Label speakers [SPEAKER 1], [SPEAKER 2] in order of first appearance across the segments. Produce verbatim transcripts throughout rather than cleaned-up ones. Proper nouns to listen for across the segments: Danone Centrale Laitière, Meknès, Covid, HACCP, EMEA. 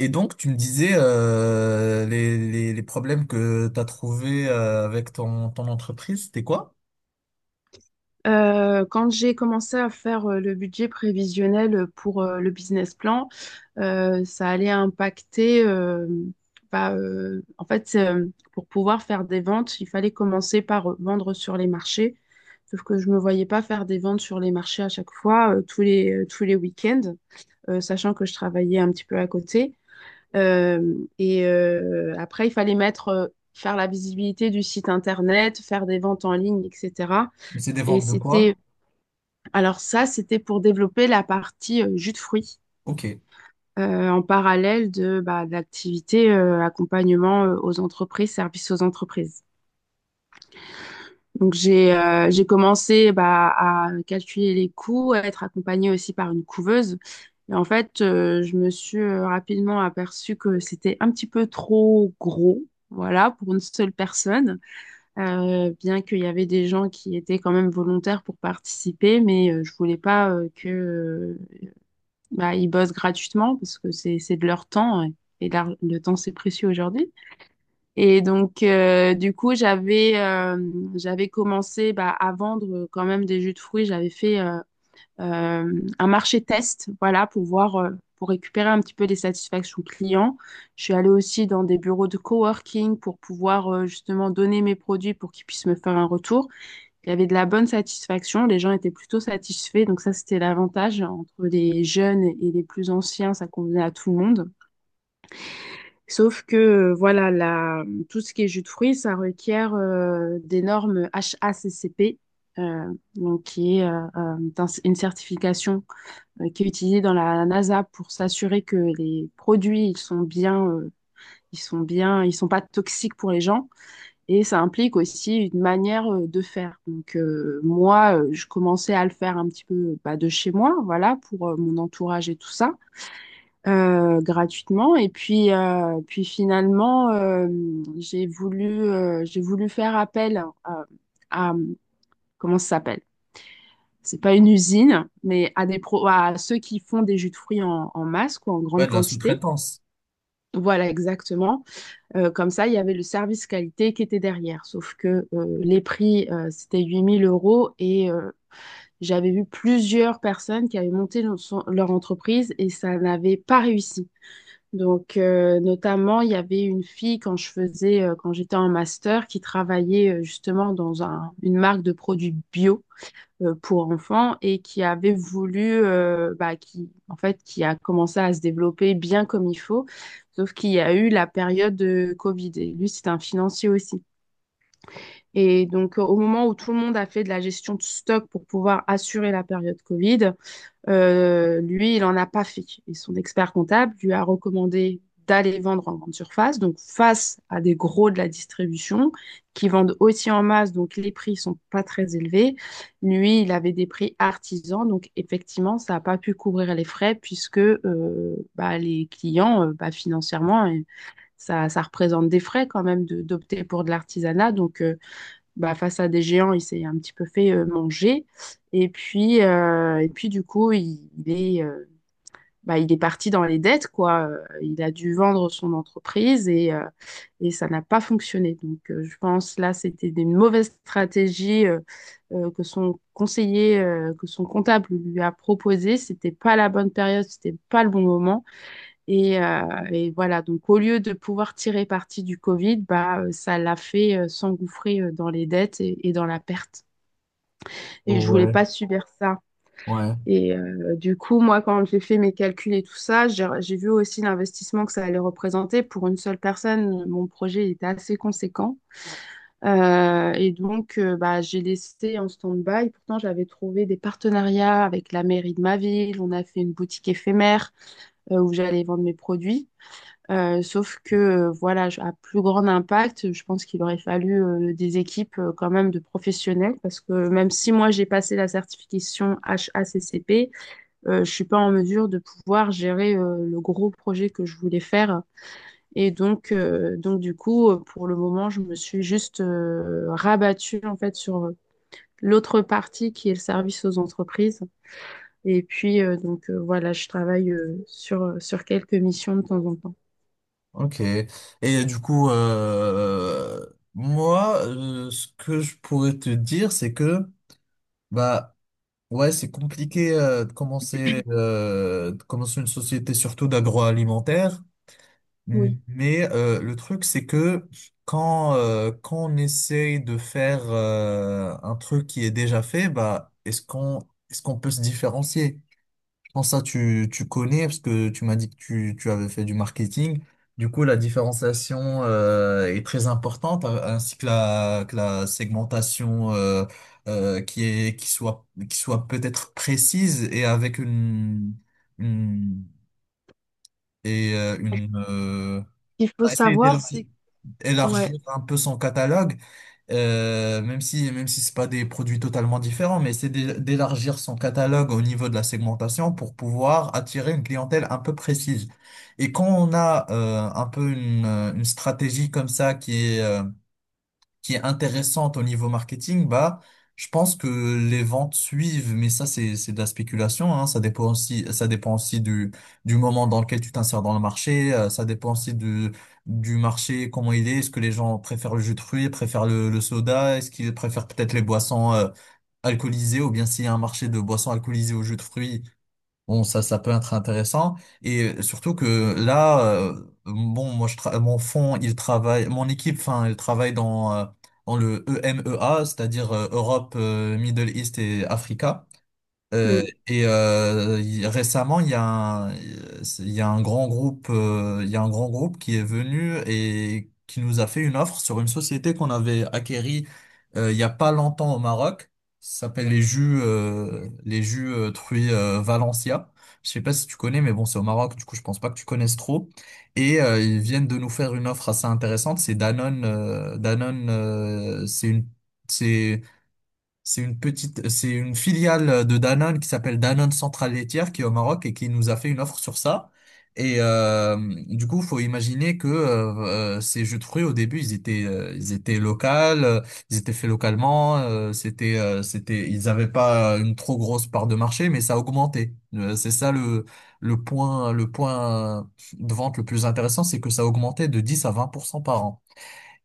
[SPEAKER 1] Et donc, tu me disais euh, les, les, les problèmes que tu as trouvés euh, avec ton, ton entreprise, c'était quoi?
[SPEAKER 2] Euh, quand j'ai commencé à faire euh, le budget prévisionnel pour euh, le business plan, euh, ça allait impacter, euh, bah, euh, en fait, euh, pour pouvoir faire des ventes, il fallait commencer par euh, vendre sur les marchés. Sauf que je ne me voyais pas faire des ventes sur les marchés à chaque fois, euh, tous les, euh, tous les week-ends, euh, sachant que je travaillais un petit peu à côté. Euh, et euh, Après, il fallait mettre, euh, faire la visibilité du site internet, faire des ventes en ligne, et cetera.
[SPEAKER 1] C'est des
[SPEAKER 2] Et
[SPEAKER 1] ventes de
[SPEAKER 2] c'était,
[SPEAKER 1] quoi?
[SPEAKER 2] alors ça, c'était pour développer la partie euh, jus de fruits,
[SPEAKER 1] Ok.
[SPEAKER 2] euh, en parallèle de, bah, de l'activité euh, accompagnement euh, aux entreprises, services aux entreprises. Donc j'ai euh, j'ai commencé, bah, à calculer les coûts, à être accompagnée aussi par une couveuse. Et en fait, euh, je me suis euh, rapidement aperçue que c'était un petit peu trop gros, voilà, pour une seule personne. Euh, bien qu'il y avait des gens qui étaient quand même volontaires pour participer, mais euh, je voulais pas euh, que euh, bah, ils bossent gratuitement parce que c'est c'est de leur temps, ouais. Et l'ar- le temps, c'est précieux aujourd'hui. Et donc, euh, du coup, j'avais euh, j'avais commencé, bah, à vendre, euh, quand même, des jus de fruits. J'avais fait euh, euh, un marché test, voilà, pour voir, euh, pour récupérer un petit peu les satisfactions clients. Je suis allée aussi dans des bureaux de coworking pour pouvoir, euh, justement, donner mes produits pour qu'ils puissent me faire un retour. Il y avait de la bonne satisfaction, les gens étaient plutôt satisfaits, donc ça, c'était l'avantage entre les jeunes et les plus anciens, ça convenait à tout le monde. Sauf que, euh, voilà, la, tout ce qui est jus de fruits, ça requiert euh, des normes H A C C P, euh, donc qui est euh, euh, un- une certification euh, qui est utilisée dans la NASA pour s'assurer que les produits, ils sont bien, euh, ils sont bien, ils sont pas toxiques pour les gens. Et ça implique aussi une manière euh, de faire. Donc, euh, moi, euh, je commençais à le faire un petit peu, bah, de chez moi, voilà, pour euh, mon entourage et tout ça, euh, gratuitement. Et puis, euh, puis finalement, euh, j'ai voulu, euh, j'ai voulu faire appel à, à- comment ça s'appelle? C'est pas une usine, mais à des pro à ceux qui font des jus de fruits en, en masse, quoi, en grande
[SPEAKER 1] Ouais, de la
[SPEAKER 2] quantité.
[SPEAKER 1] sous-traitance.
[SPEAKER 2] Voilà, exactement. Euh, comme ça, il y avait le service qualité qui était derrière. Sauf que, euh, les prix, euh, c'était huit mille euros, et euh, j'avais vu plusieurs personnes qui avaient monté le- son- leur entreprise et ça n'avait pas réussi. Donc, euh, notamment, il y avait une fille quand je faisais, euh, quand j'étais en master, qui travaillait euh, justement dans un- une marque de produits bio euh, pour enfants, et qui avait voulu, euh, bah, qui, en fait, qui a commencé à se développer bien comme il faut, sauf qu'il y a eu la période de Covid. Et lui, c'est un financier aussi. Et donc, euh, au moment où tout le monde a fait de la gestion de stock pour pouvoir assurer la période Covid, euh, lui, il n'en a pas fait. Et son expert comptable lui a recommandé d'aller vendre en grande surface, donc face à des gros de la distribution qui vendent aussi en masse, donc les prix sont pas très élevés. Lui, il avait des prix artisans, donc effectivement, ça n'a pas pu couvrir les frais puisque, euh, bah, les clients, euh, bah, financièrement, euh, ça, ça représente des frais quand même de- d'opter pour de l'artisanat. Donc, euh, bah, face à des géants, il s'est un petit peu fait euh, manger. Et puis, euh, et puis du coup, il, il est, euh, bah, il est parti dans les dettes, quoi. Euh, Il a dû vendre son entreprise, et, euh, et ça n'a pas fonctionné. Donc, euh, je pense là, c'était des mauvaises stratégies, euh, euh, que son conseiller, euh, que son comptable lui a proposé. C'était pas la bonne période, c'était pas le bon moment. Et, euh, et voilà, donc au lieu de pouvoir tirer parti du Covid, bah, euh, ça l'a fait euh, s'engouffrer euh, dans les dettes et, et dans la perte. Et je voulais
[SPEAKER 1] Ouais,
[SPEAKER 2] pas subir ça.
[SPEAKER 1] ouais.
[SPEAKER 2] Et euh, du coup, moi, quand j'ai fait mes calculs et tout ça, j'ai j'ai vu aussi l'investissement que ça allait représenter. Pour une seule personne, mon projet était assez conséquent. Euh, et donc, euh, bah, j'ai laissé en stand-by. Pourtant, j'avais trouvé des partenariats avec la mairie de ma ville. On a fait une boutique éphémère euh, où j'allais vendre mes produits. Euh, sauf que, euh, voilà, je- à plus grand impact, je pense qu'il aurait fallu euh, des équipes euh, quand même de professionnels, parce que même si moi, j'ai passé la certification H A C C P, euh, je suis pas en mesure de pouvoir gérer euh, le gros projet que je voulais faire. Et donc, euh, donc du coup, euh, pour le moment, je me suis juste euh, rabattue en fait sur euh, l'autre partie qui est le service aux entreprises. Et puis, euh, donc euh, voilà, je travaille, euh, sur, sur quelques missions de temps en temps.
[SPEAKER 1] Ok. Et du coup, euh, moi, euh, ce que je pourrais te dire, c'est que, bah, ouais, c'est compliqué euh, de commencer, euh, de commencer une société, surtout d'agroalimentaire. Mm.
[SPEAKER 2] Oui.
[SPEAKER 1] Mais euh, le truc, c'est que quand, euh, quand on essaye de faire euh, un truc qui est déjà fait, bah, est-ce qu'on est-ce qu'on peut se différencier? Je pense que ça, tu, tu connais, parce que tu m'as dit que tu, tu avais fait du marketing. Du coup, la différenciation euh, est très importante, a- ainsi que la, que la segmentation euh, euh, qui est, qui soit, qui soit peut-être précise et avec une, une, et, euh, une euh,
[SPEAKER 2] Ce qu'il faut
[SPEAKER 1] on va essayer
[SPEAKER 2] savoir,
[SPEAKER 1] d'élargir
[SPEAKER 2] c'est… Ouais.
[SPEAKER 1] élargir un peu son catalogue, euh, même si même si c'est pas des produits totalement différents, mais c'est d'é- d'élargir son catalogue au niveau de la segmentation pour pouvoir attirer une clientèle un peu précise. Et quand on a euh, un peu une, une stratégie comme ça qui est euh, qui est intéressante au niveau marketing, bah, je pense que les ventes suivent, mais ça, c'est, c'est de la spéculation, hein. Ça dépend aussi, ça dépend aussi du, du moment dans lequel tu t'insères dans le marché, euh, ça dépend aussi du, du marché, comment il est, est-ce que les gens préfèrent le jus de fruits, préfèrent le, le soda, est-ce qu'ils préfèrent peut-être les boissons, euh, alcoolisées, ou bien s'il y a un marché de boissons alcoolisées au jus de fruits. Bon, ça, ça peut être intéressant. Et surtout que là, euh, bon, moi, je tra- mon fond il travaille, mon équipe, enfin, elle travaille dans, euh, dans le E M E A, c'est-à-dire euh, Europe, euh, Middle East et Afrique. Euh,
[SPEAKER 2] Mm.
[SPEAKER 1] et euh, il- Récemment, il y a un, il y a un grand groupe, euh, il y a un grand groupe qui est venu et qui nous a fait une offre sur une société qu'on avait acquérie euh, il y a pas longtemps au Maroc. Ça s'appelle les jus, euh, les jus euh, Truy euh, Valencia. Je sais pas si tu connais, mais bon, c'est au Maroc, du coup, je pense pas que tu connaisses trop. Et euh, ils
[SPEAKER 2] Mm.
[SPEAKER 1] viennent de nous faire une offre assez intéressante. C'est Danone, euh, Danone, euh, c'est une, c'est c'est une petite, c'est une filiale euh, de Danone qui s'appelle Danone Centrale Laitière qui est au Maroc et qui nous a fait une offre sur ça. Et euh, du coup, faut imaginer que euh, euh, ces jus de fruits au début, ils étaient, euh, ils étaient locaux, euh, ils étaient faits localement. Euh, c'était, euh, c'était, ils n'avaient pas une trop grosse part de marché, mais ça a augmenté. Euh, c'est ça le le point, le point de vente le plus intéressant, c'est que ça a augmenté de dix à vingt pour cent par an.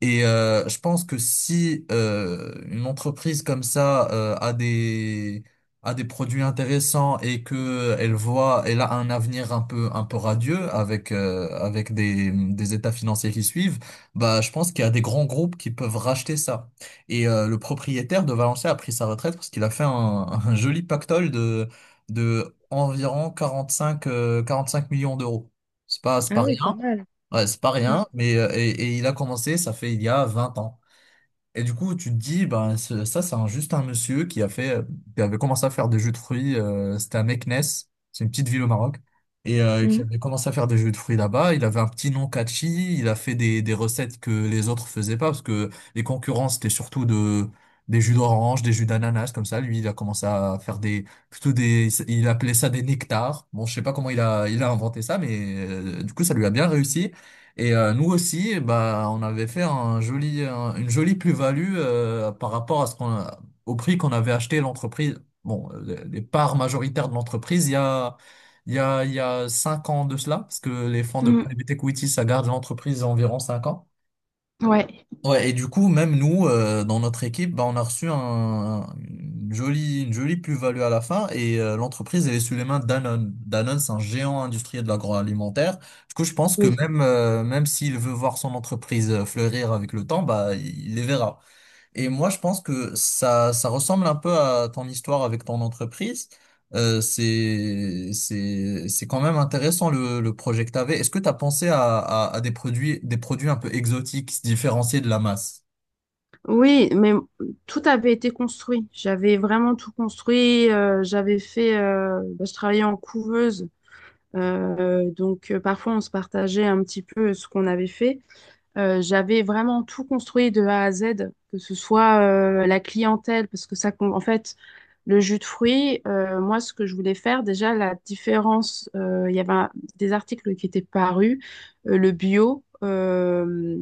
[SPEAKER 1] Et euh, je pense que si euh, une entreprise comme ça euh, a des a des produits intéressants et que elle voit elle a un avenir un peu un peu radieux avec euh, avec des des états financiers qui suivent, bah je pense qu'il y a des grands groupes qui peuvent racheter ça. Et euh, le propriétaire de Valenciennes a pris sa retraite parce qu'il a fait un, un joli pactole de de environ 45 euh, 45 millions d'euros. C'est pas c'est
[SPEAKER 2] Ah
[SPEAKER 1] pas
[SPEAKER 2] oui, pas
[SPEAKER 1] rien.
[SPEAKER 2] mal.
[SPEAKER 1] Ouais, c'est pas
[SPEAKER 2] Mm.
[SPEAKER 1] rien, mais euh, et, et il a commencé, ça fait il y a vingt ans. Et du coup, tu te dis, ben, ce- ça, c'est un- juste un monsieur qui a fait, euh, qui avait commencé à faire des jus de fruits. Euh, c'était à Meknès, c'est une petite ville au Maroc, et euh, qui
[SPEAKER 2] Mm.
[SPEAKER 1] avait commencé à faire des jus de fruits là-bas. Il avait un petit nom catchy, il a fait des, des recettes que les autres faisaient pas, parce que les concurrents, c'était surtout de, des jus d'orange, des jus d'ananas, comme ça. Lui, il a commencé à faire des, plutôt des, il appelait ça des nectars. Bon, je sais pas comment il a, il a inventé ça, mais euh, du coup, ça lui a bien réussi. Et euh, nous aussi, bah, on avait fait un joli, un- une jolie plus-value euh, par rapport à ce qu'on a- au prix qu'on avait acheté l'entreprise. Bon, euh, les, les parts majoritaires de l'entreprise, il y a, il y a, il y a cinq ans de cela, parce que les fonds de
[SPEAKER 2] Mm.
[SPEAKER 1] private equity, ça garde l'entreprise environ cinq ans.
[SPEAKER 2] Ouais.
[SPEAKER 1] Ouais, et du coup, même nous, euh, dans notre équipe, bah, on a reçu un, une jolie, une jolie plus-value à la fin et euh, l'entreprise, elle est sous les mains de Danone. Danone, c'est un géant industriel de l'agroalimentaire. Du coup, je pense que
[SPEAKER 2] Oui.
[SPEAKER 1] même, euh, même s'il veut voir son entreprise euh, fleurir avec le temps, bah, il les verra. Et moi, je pense que ça, ça ressemble un peu à ton histoire avec ton entreprise. Euh, c'est, c'est, c'est quand même intéressant le, le projet que tu avais. Est-ce que tu as pensé à, à, à des produits, des produits un peu exotiques, qui se différencier de la masse?
[SPEAKER 2] Oui, mais m- tout avait été construit. J'avais vraiment tout construit. Euh, j'avais fait. Euh, bah, je travaillais en couveuse. Euh, donc, euh, parfois, on se partageait un petit peu ce qu'on avait fait. Euh, j'avais vraiment tout construit de A à Z, que ce soit euh, la clientèle, parce que ça, com- en fait, le jus de fruits, euh, moi, ce que je voulais faire, déjà, la différence, euh, il y avait un- des articles qui étaient parus, euh, le bio, euh,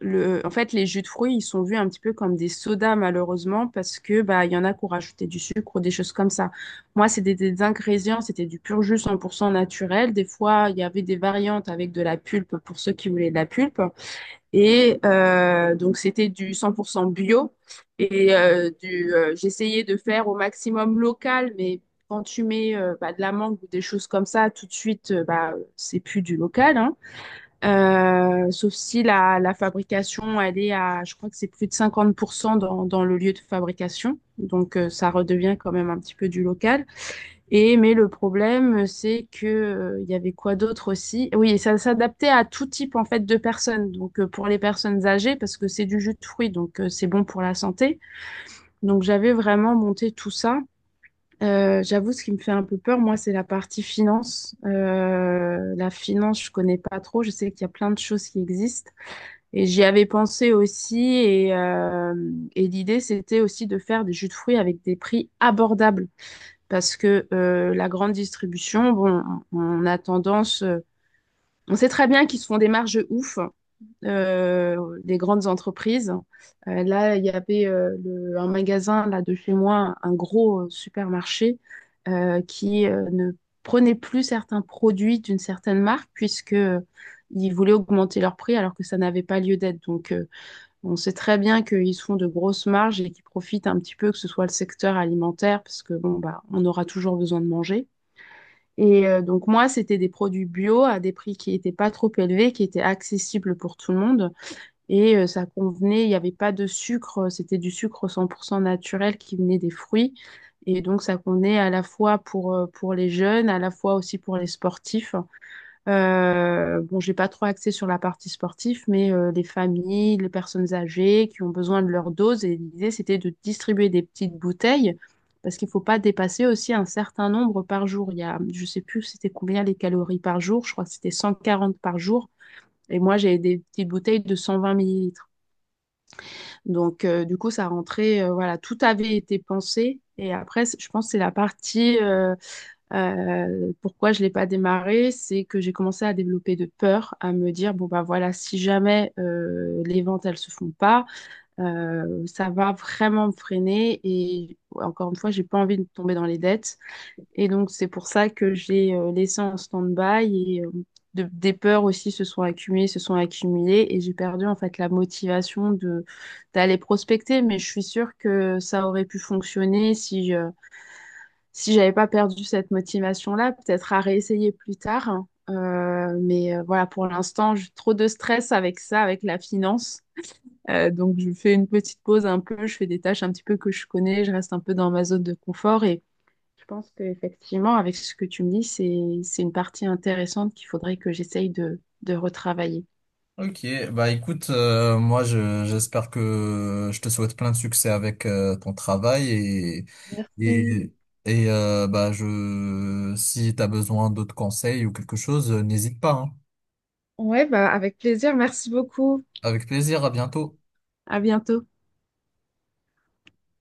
[SPEAKER 2] le, en fait, les jus de fruits, ils sont vus un petit peu comme des sodas, malheureusement, parce que, bah, il y en a qui ont rajouté du sucre ou des choses comme ça. Moi, c'était des, des ingrédients, c'était du pur jus cent pour cent naturel. Des fois, il y avait des variantes avec de la pulpe pour ceux qui voulaient de la pulpe. Et euh, donc, c'était du cent pour cent bio. Et euh, du, euh, j'essayais de faire au maximum local, mais quand tu mets, euh, bah, de la mangue ou des choses comme ça, tout de suite, euh, bah, c'est plus du local, hein. Euh, sauf si la, la fabrication, elle est à, je crois que c'est plus de cinquante pour cent dans, dans le lieu de fabrication. Donc, euh, ça redevient quand même un petit peu du local. Et mais le problème, c'est que, euh, il y avait quoi d'autre aussi? Oui, et ça s'adaptait à tout type en fait de personnes. Donc, euh, pour les personnes âgées, parce que c'est du jus de fruits, donc, euh, c'est bon pour la santé. Donc j'avais vraiment monté tout ça. Euh, j'avoue, ce qui me fait un peu peur, moi, c'est la partie finance. Euh, la finance, je connais pas trop. Je sais qu'il y a plein de choses qui existent. Et j'y avais pensé aussi. Et, euh, et l'idée, c'était aussi de faire des jus de fruits avec des prix abordables, parce que, euh, la grande distribution, bon, on a tendance, euh, on sait très bien qu'ils se font des marges ouf, euh, des grandes entreprises. Euh, là, il y avait, euh, le- un magasin là de chez moi, un gros euh, supermarché euh, qui, euh, ne prenait plus certains produits d'une certaine marque puisque, euh, ils voulaient augmenter leur prix alors que ça n'avait pas lieu d'être. Donc, euh, on sait très bien qu'ils se font de grosses marges et qu'ils profitent un petit peu, que ce soit le secteur alimentaire, parce que, bon, bah, on aura toujours besoin de manger. Et euh, donc moi, c'était des produits bio à des prix qui n'étaient pas trop élevés, qui étaient accessibles pour tout le monde. Et euh, ça convenait, il n'y avait pas de sucre, c'était du sucre cent pour cent naturel qui venait des fruits. Et donc ça convenait à la fois pour, euh, pour les jeunes, à la fois aussi pour les sportifs. Euh, bon, j'ai pas trop axé sur la partie sportive, mais euh, les familles, les personnes âgées qui ont besoin de leur dose. Et l'idée, c'était de distribuer des petites bouteilles parce qu'il faut pas dépasser aussi un certain nombre par jour. Il y a, je sais plus c'était combien les calories par jour. Je crois que c'était cent quarante par jour. Et moi, j'ai des petites bouteilles de cent vingt millilitres. Donc, euh, du coup, ça rentrait, euh, voilà, tout avait été pensé. Et après, c- je pense que c'est la partie, euh, euh, pourquoi je ne l'ai pas démarré, c'est que j'ai commencé à développer de peur, à me dire, bon, bah, voilà, si jamais, euh, les ventes, elles se font pas, euh, ça va vraiment me freiner. Et ouais, encore une fois, j'ai pas envie de tomber dans les dettes. Et donc, c'est pour ça que j'ai, euh, laissé en stand-by, et, euh, de- des peurs aussi se sont accumulées, se sont accumulées, et j'ai perdu en fait la motivation de d'aller prospecter. Mais je suis sûre que ça aurait pu fonctionner si je, si j'avais pas perdu cette motivation-là, peut-être à réessayer plus tard, hein. Euh, mais euh, voilà, pour l'instant, j'ai trop de stress avec ça, avec la finance. Euh, donc, je fais une petite pause un peu, je fais des tâches un petit peu que je connais, je reste un peu dans ma zone de confort. Je pense qu'effectivement, avec ce que tu me dis, c'est, c'est une partie intéressante qu'il faudrait que j'essaye de, de retravailler.
[SPEAKER 1] Ok, bah écoute, euh, moi je, j'espère que je te souhaite plein de succès avec euh, ton travail et
[SPEAKER 2] Merci.
[SPEAKER 1] et et euh, bah je si t'as besoin d'autres conseils ou quelque chose, euh, n'hésite pas, hein.
[SPEAKER 2] Ouais, bah, avec plaisir. Merci beaucoup.
[SPEAKER 1] Avec plaisir, à bientôt.
[SPEAKER 2] À bientôt.